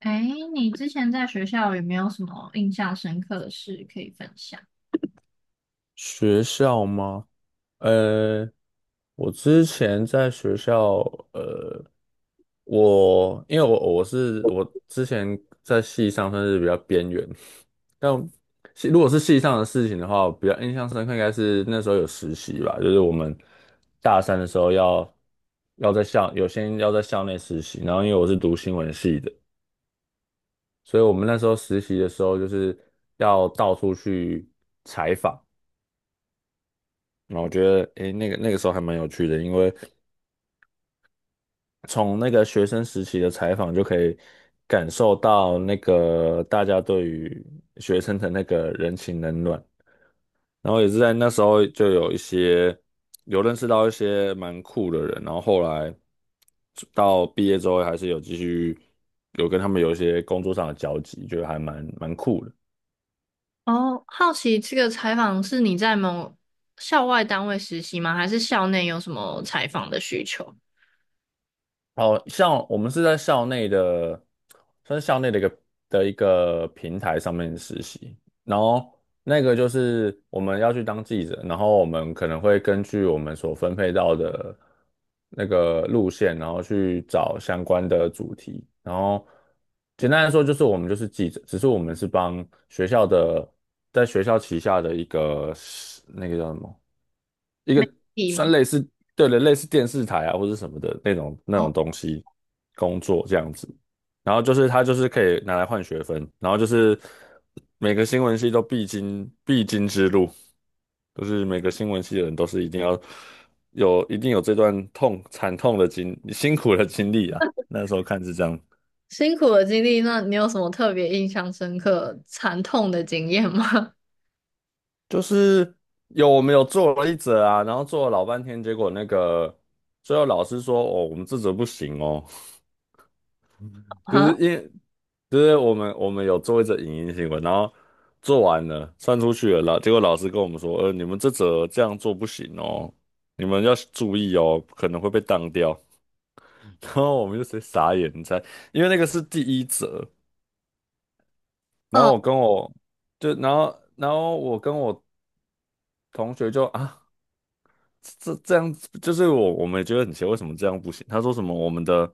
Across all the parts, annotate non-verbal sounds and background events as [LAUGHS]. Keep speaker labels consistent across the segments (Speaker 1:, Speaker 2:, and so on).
Speaker 1: 哎，你之前在学校有没有什么印象深刻的事可以分享？
Speaker 2: 学校吗？呃，我之前在学校，呃，我因为我我是我之前在系上算是比较边缘，但系如果是系上的事情的话，比较印象深刻应该是那时候有实习吧，就是我们大三的时候要在校有些要在校内实习，然后因为我是读新闻系的，所以我们那时候实习的时候就是要到处去采访。那我觉得，诶，那个时候还蛮有趣的，因为从那个学生时期的采访就可以感受到那个大家对于学生的那个人情冷暖，然后也是在那时候就有一些有认识到一些蛮酷的人，然后后来到毕业之后还是有继续跟他们有一些工作上的交集，就还蛮酷的。
Speaker 1: 哦，好奇这个采访是你在某校外单位实习吗？还是校内有什么采访的需求？
Speaker 2: 哦，像我们是在校内的，算是校内的的一个平台上面实习，然后那个就是我们要去当记者，然后我们可能会根据我们所分配到的那个路线，然后去找相关的主题，然后简单来说就是我们就是记者，只是我们是帮学校的，在学校旗下的一个那个叫什么？一
Speaker 1: 媒
Speaker 2: 个
Speaker 1: 体
Speaker 2: 算
Speaker 1: 吗？
Speaker 2: 类似，对的，类似电视台啊或者什么的那种那
Speaker 1: 哦，
Speaker 2: 种东西工作这样子。然后就是他就是可以拿来换学分，然后就是每个新闻系都必经之路，就是每个新闻系的人都是一定要有一定有这段痛惨痛的经辛苦的经历啊。那时候看是这样，
Speaker 1: 辛苦的经历，那你有什么特别印象深刻、惨痛的经验吗？
Speaker 2: 就是我们有做了一则啊，然后做了老半天，结果那个最后老师说哦，我们这则不行哦。
Speaker 1: [LAUGHS]
Speaker 2: 就
Speaker 1: 啊，
Speaker 2: 是因为就是我们有做一则影音新闻，然后做完了算出去了，结果老师跟我们说，你们这则这样做不行哦，你们要注意哦，可能会被当掉。[LAUGHS] 然后我们就直接傻眼，你猜，因为那个是第一则，然后
Speaker 1: 哦，
Speaker 2: 我跟我就然后我跟我同学就啊，这样子就是我们也觉得很奇怪，为什么这样不行？他说什么我们的。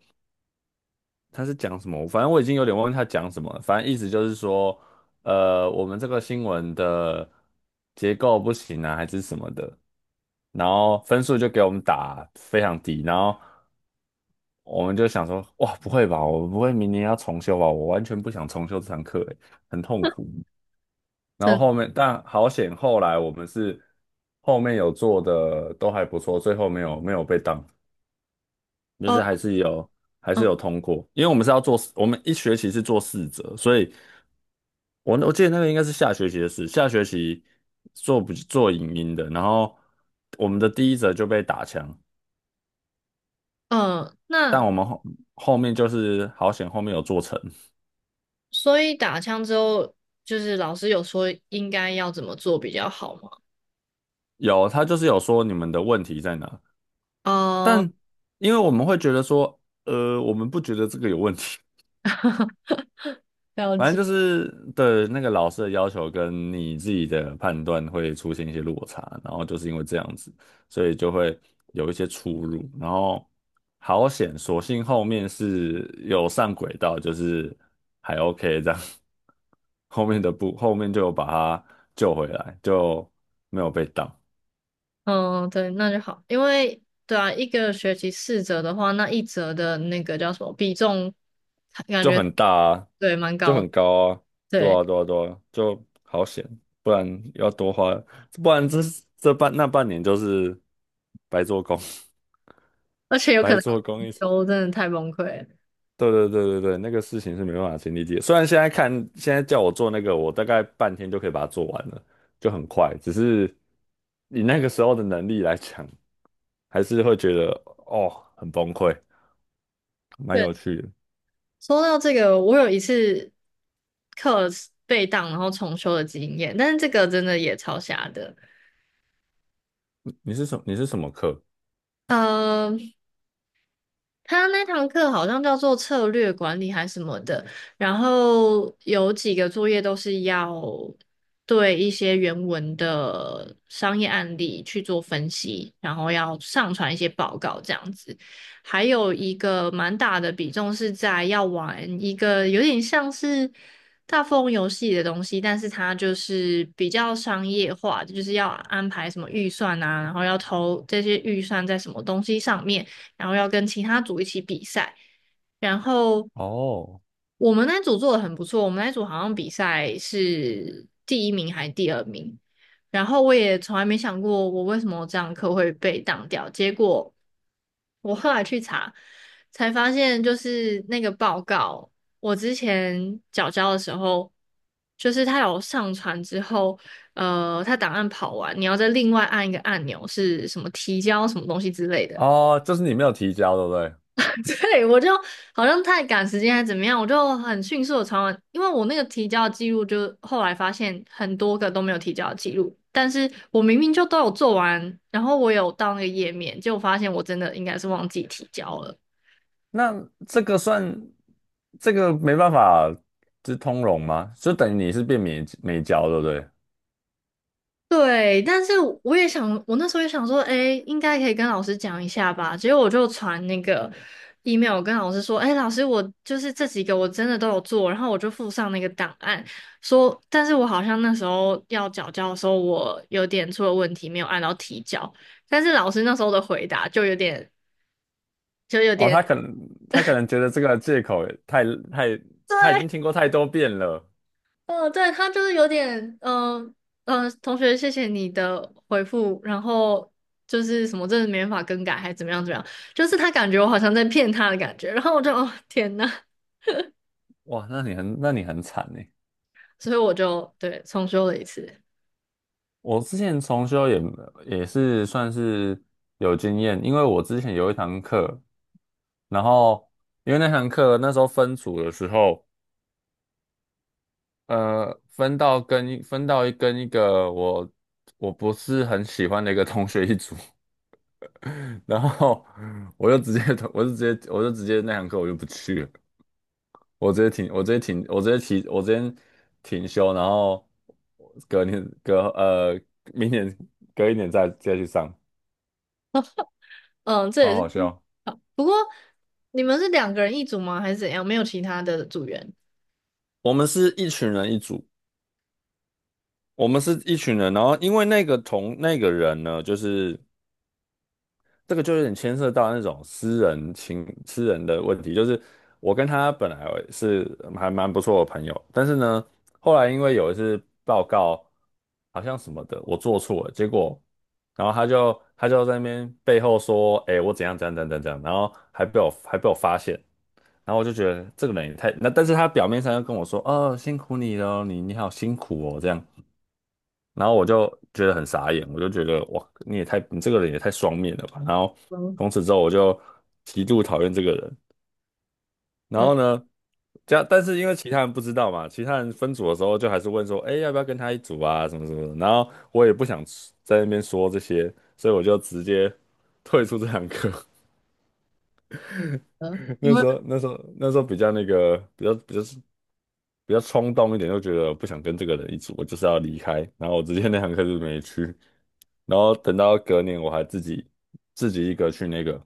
Speaker 2: 他是讲什么？反正我已经有点忘记他讲什么了反正意思就是说，我们这个新闻的结构不行啊，还是什么的，然后分数就给我们打非常低，然后我们就想说，哇，不会吧，我不会明年要重修吧？我完全不想重修这堂课，欸很痛。然后
Speaker 1: 真，
Speaker 2: 后面，但好险，后来我们是后面有做的都还不错，最后没有被当，就
Speaker 1: 哦，
Speaker 2: 是还是
Speaker 1: 嗯
Speaker 2: 有通过，因为我们是要做四我们一学期是做四折，所以。我记得那个应该是下学期的事，下学期做不做影音的，然后我们的第一则就被打枪，
Speaker 1: 嗯，
Speaker 2: 但
Speaker 1: 那
Speaker 2: 我们后后面就是好险后面有做成，
Speaker 1: 所以打枪之后，就是老师有说应该要怎么做比较好吗？
Speaker 2: 有他就是有说你们的问题在哪，
Speaker 1: 哦，
Speaker 2: 但因为我们会觉得说，我们不觉得这个有问题，
Speaker 1: [LAUGHS] 了
Speaker 2: 反
Speaker 1: 解。
Speaker 2: 正就是对那个老师的要求跟你自己的判断会出现一些落差，然后就是因为这样子，所以就会有一些出入。然后好险，所幸后面是有上轨道，就是还 OK 这样。[LAUGHS] 后面的不，后面就有把他救回来，就没有被挡。
Speaker 1: 嗯，对，那就好，因为对啊，一个学期四折的话，那一折的那个叫什么比重，感
Speaker 2: 就
Speaker 1: 觉
Speaker 2: 很大啊，
Speaker 1: 对蛮
Speaker 2: 就
Speaker 1: 高
Speaker 2: 很
Speaker 1: 的，
Speaker 2: 高啊，
Speaker 1: 对，
Speaker 2: 对啊，就好险，不然要多花，不然这这半那半年就是白做工，
Speaker 1: 而且
Speaker 2: [LAUGHS]
Speaker 1: 有可
Speaker 2: 白
Speaker 1: 能要
Speaker 2: 做工
Speaker 1: 重
Speaker 2: 一，
Speaker 1: 修，真的太崩溃了。
Speaker 2: 对，那个事情是没办法亲力解。虽然现在看，现在叫我做那个，我大概半天就可以把它做完了，就很快，只是以那个时候的能力来讲，还是会觉得哦很崩溃，蛮
Speaker 1: 对，
Speaker 2: 有趣的。
Speaker 1: 说到这个，我有一次课被当然后重修的经验，但是这个真的也超瞎的。
Speaker 2: 你是什么课？
Speaker 1: 嗯。他那堂课好像叫做策略管理还什么的，然后有几个作业都是要对一些原文的商业案例去做分析，然后要上传一些报告这样子。还有一个蛮大的比重是在要玩一个有点像是大富翁游戏的东西，但是它就是比较商业化，就是要安排什么预算啊，然后要投这些预算在什么东西上面。然后要跟其他组一起比赛。然后
Speaker 2: 哦，
Speaker 1: 我们那组做的很不错，我们那组好像比赛是第一名还是第二名。然后我也从来没想过我为什么这堂课会被挡掉，结果我后来去查，才发现就是那个报告，我之前缴交的时候，就是他有上传之后，他档案跑完，你要再另外按一个按钮，是什么提交什么东西之类的。
Speaker 2: 哦，就是你没有提交，对不对？
Speaker 1: [LAUGHS] 对，我就好像太赶时间还是怎么样，我就很迅速的传完，因为我那个提交记录就后来发现很多个都没有提交记录，但是我明明就都有做完，然后我有到那个页面，结果发现我真的应该是忘记提交了。
Speaker 2: 那这个算这个没办法，就是通融吗？就等于你是变没交，对不对？
Speaker 1: 对，但是我也想，我那时候也想说，哎，应该可以跟老师讲一下吧。结果我就传那个 email 跟老师说，哎，老师，我就是这几个我真的都有做，然后我就附上那个档案，说，但是我好像那时候要缴交的时候，我有点出了问题，没有按到提交。但是老师那时候的回答就有点，就有
Speaker 2: 哦，
Speaker 1: 点，
Speaker 2: 他可能觉得这个借口也太他已经
Speaker 1: 对，
Speaker 2: 听过太多遍了，
Speaker 1: 哦，对，他就是有点，嗯、同学，谢谢你的回复，然后就是什么，真的没办法更改，还怎么样怎么样，就是他感觉我好像在骗他的感觉，然后我就，哦，天呐，
Speaker 2: 哇，那你很惨呢。
Speaker 1: 所以我就对重修了一次，
Speaker 2: 我之前重修也也是算是有经验，因为我之前有一堂课，然后因为那堂课那时候分组的时候。分到跟一个我不是很喜欢的一个同学一组，[LAUGHS] 然后我就直接我就直接那堂课我就不去了，我直接停休，然后隔年隔明年隔一年再去上，
Speaker 1: 嗯，这
Speaker 2: 好
Speaker 1: 也是，
Speaker 2: 好笑。
Speaker 1: 不过你们是两个人一组吗？还是怎样？没有其他的组员？
Speaker 2: 我们是一群人一组，我们是一群人，然后因为那个同那个人呢，就是。这个就有点牵涉到那种私人的问题。就是我跟他本来是还蛮不错的朋友，但是呢，后来因为有一次报告好像什么的，我做错了，结果然后他就在那边背后说：“哎、我怎样怎样怎样怎样。”然后还被我发现，然后我就觉得这个人也太……那但是他表面上又跟我说：“哦，辛苦你了，你你好辛苦哦。”这样，然后我就觉得很傻眼，我就觉得哇，你这个人也太双面了吧。然后
Speaker 1: 嗯
Speaker 2: 从此之后我就极度讨厌这个人。然
Speaker 1: 嗯，
Speaker 2: 后呢，这样但是因为其他人不知道嘛，其他人分组的时候就还是问说，哎，要不要跟他一组啊，什么什么的。然后我也不想在那边说这些，所以我就直接退出这堂课。
Speaker 1: 嗯因为
Speaker 2: 那时候比较那个比较比较比较冲动一点，就觉得不想跟这个人一组，我就是要离开。然后我直接那堂课就没去。然后等到隔年，我还自己一个去那个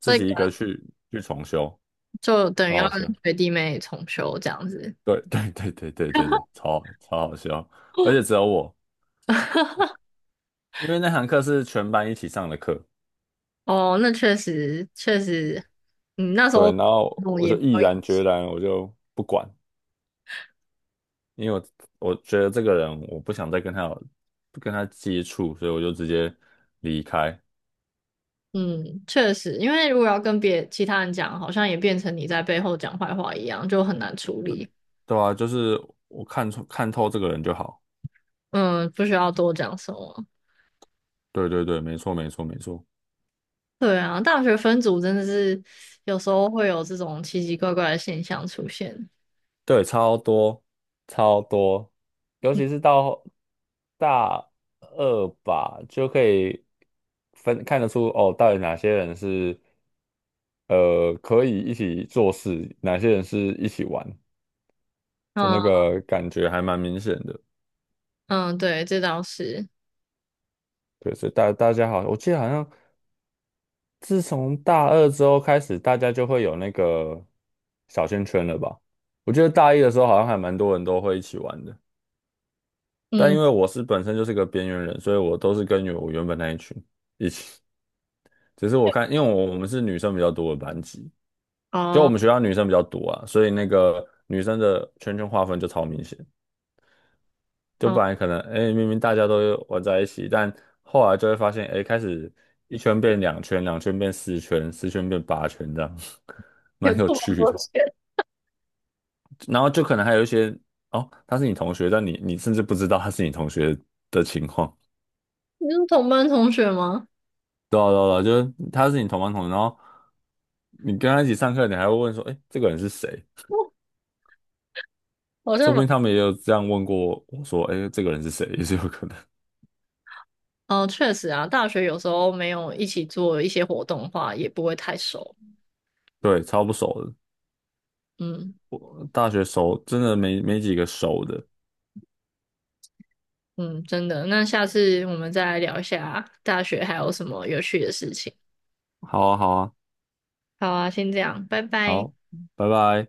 Speaker 2: 自
Speaker 1: 这
Speaker 2: 己一
Speaker 1: 个
Speaker 2: 个去去重修，
Speaker 1: 就等于
Speaker 2: 超
Speaker 1: 要
Speaker 2: 好
Speaker 1: 跟
Speaker 2: 笑。
Speaker 1: 学弟妹重修这样子。
Speaker 2: 对，超好笑，而且只有我，
Speaker 1: [LAUGHS]
Speaker 2: 因为那堂课是全班一起上的课。
Speaker 1: 哦，那确实确实，嗯，那时
Speaker 2: 对，
Speaker 1: 候
Speaker 2: 然后
Speaker 1: 我
Speaker 2: 我
Speaker 1: 也
Speaker 2: 就
Speaker 1: 没
Speaker 2: 毅
Speaker 1: 有。
Speaker 2: 然决然，我就不管，因为我觉得这个人我不想再跟他接触，所以我就直接离开。
Speaker 1: 嗯，确实，因为如果要跟别其他人讲，好像也变成你在背后讲坏话一样，就很难处理。
Speaker 2: 对啊，就是我看出看透这个人就好。
Speaker 1: 嗯，不需要多讲什么。
Speaker 2: 没错，
Speaker 1: 对啊，大学分组真的是有时候会有这种奇奇怪怪的现象出现。
Speaker 2: 对，超多，尤其是到大二吧，就可以看得出哦，到底哪些人是可以一起做事，哪些人是一起玩，就那
Speaker 1: 嗯
Speaker 2: 个感觉还蛮明显的。
Speaker 1: 嗯，对，这倒是。
Speaker 2: 对，所以大家好，我记得好像自从大二之后开始，大家就会有那个小圈圈了吧？我记得大一的时候好像还蛮多人都会一起玩的，但因
Speaker 1: 嗯，
Speaker 2: 为我是本身就是个边缘人，所以我都是跟我原本那一群一起。只是我看，因为我们是女生比较多的班级，就我
Speaker 1: 哦
Speaker 2: 们学校女生比较多啊，所以那个女生的圈圈划分就超明显。就
Speaker 1: 哦，
Speaker 2: 本来可能，哎，明明大家都玩在一起，但后来就会发现，哎，开始一圈变两圈，两圈变四圈，四圈变八圈，这样 [LAUGHS]
Speaker 1: 有
Speaker 2: 蛮
Speaker 1: 这
Speaker 2: 有
Speaker 1: 么
Speaker 2: 趣的。
Speaker 1: 多钱？
Speaker 2: 然后就可能还有一些，哦，他是你同学，但你甚至不知道他是你同学的情况。
Speaker 1: 你是同班同学吗？
Speaker 2: 对啊就是他是你同班同学，然后你跟他一起上课，你还会问说，哎，这个人是谁？
Speaker 1: [LAUGHS] 好
Speaker 2: 说
Speaker 1: 像
Speaker 2: 不
Speaker 1: 蛮……
Speaker 2: 定他们也有这样问过我说，哎，这个人是谁，[LAUGHS] 也是有可能。
Speaker 1: 哦，确实啊，大学有时候没有一起做一些活动的话，也不会太熟。
Speaker 2: 对，超不熟的，
Speaker 1: 嗯。
Speaker 2: 大学熟真的没几个熟的。
Speaker 1: 嗯，真的。那下次我们再来聊一下大学还有什么有趣的事情。
Speaker 2: 好啊，好啊。
Speaker 1: 好啊，先这样，拜拜。
Speaker 2: 好，拜拜。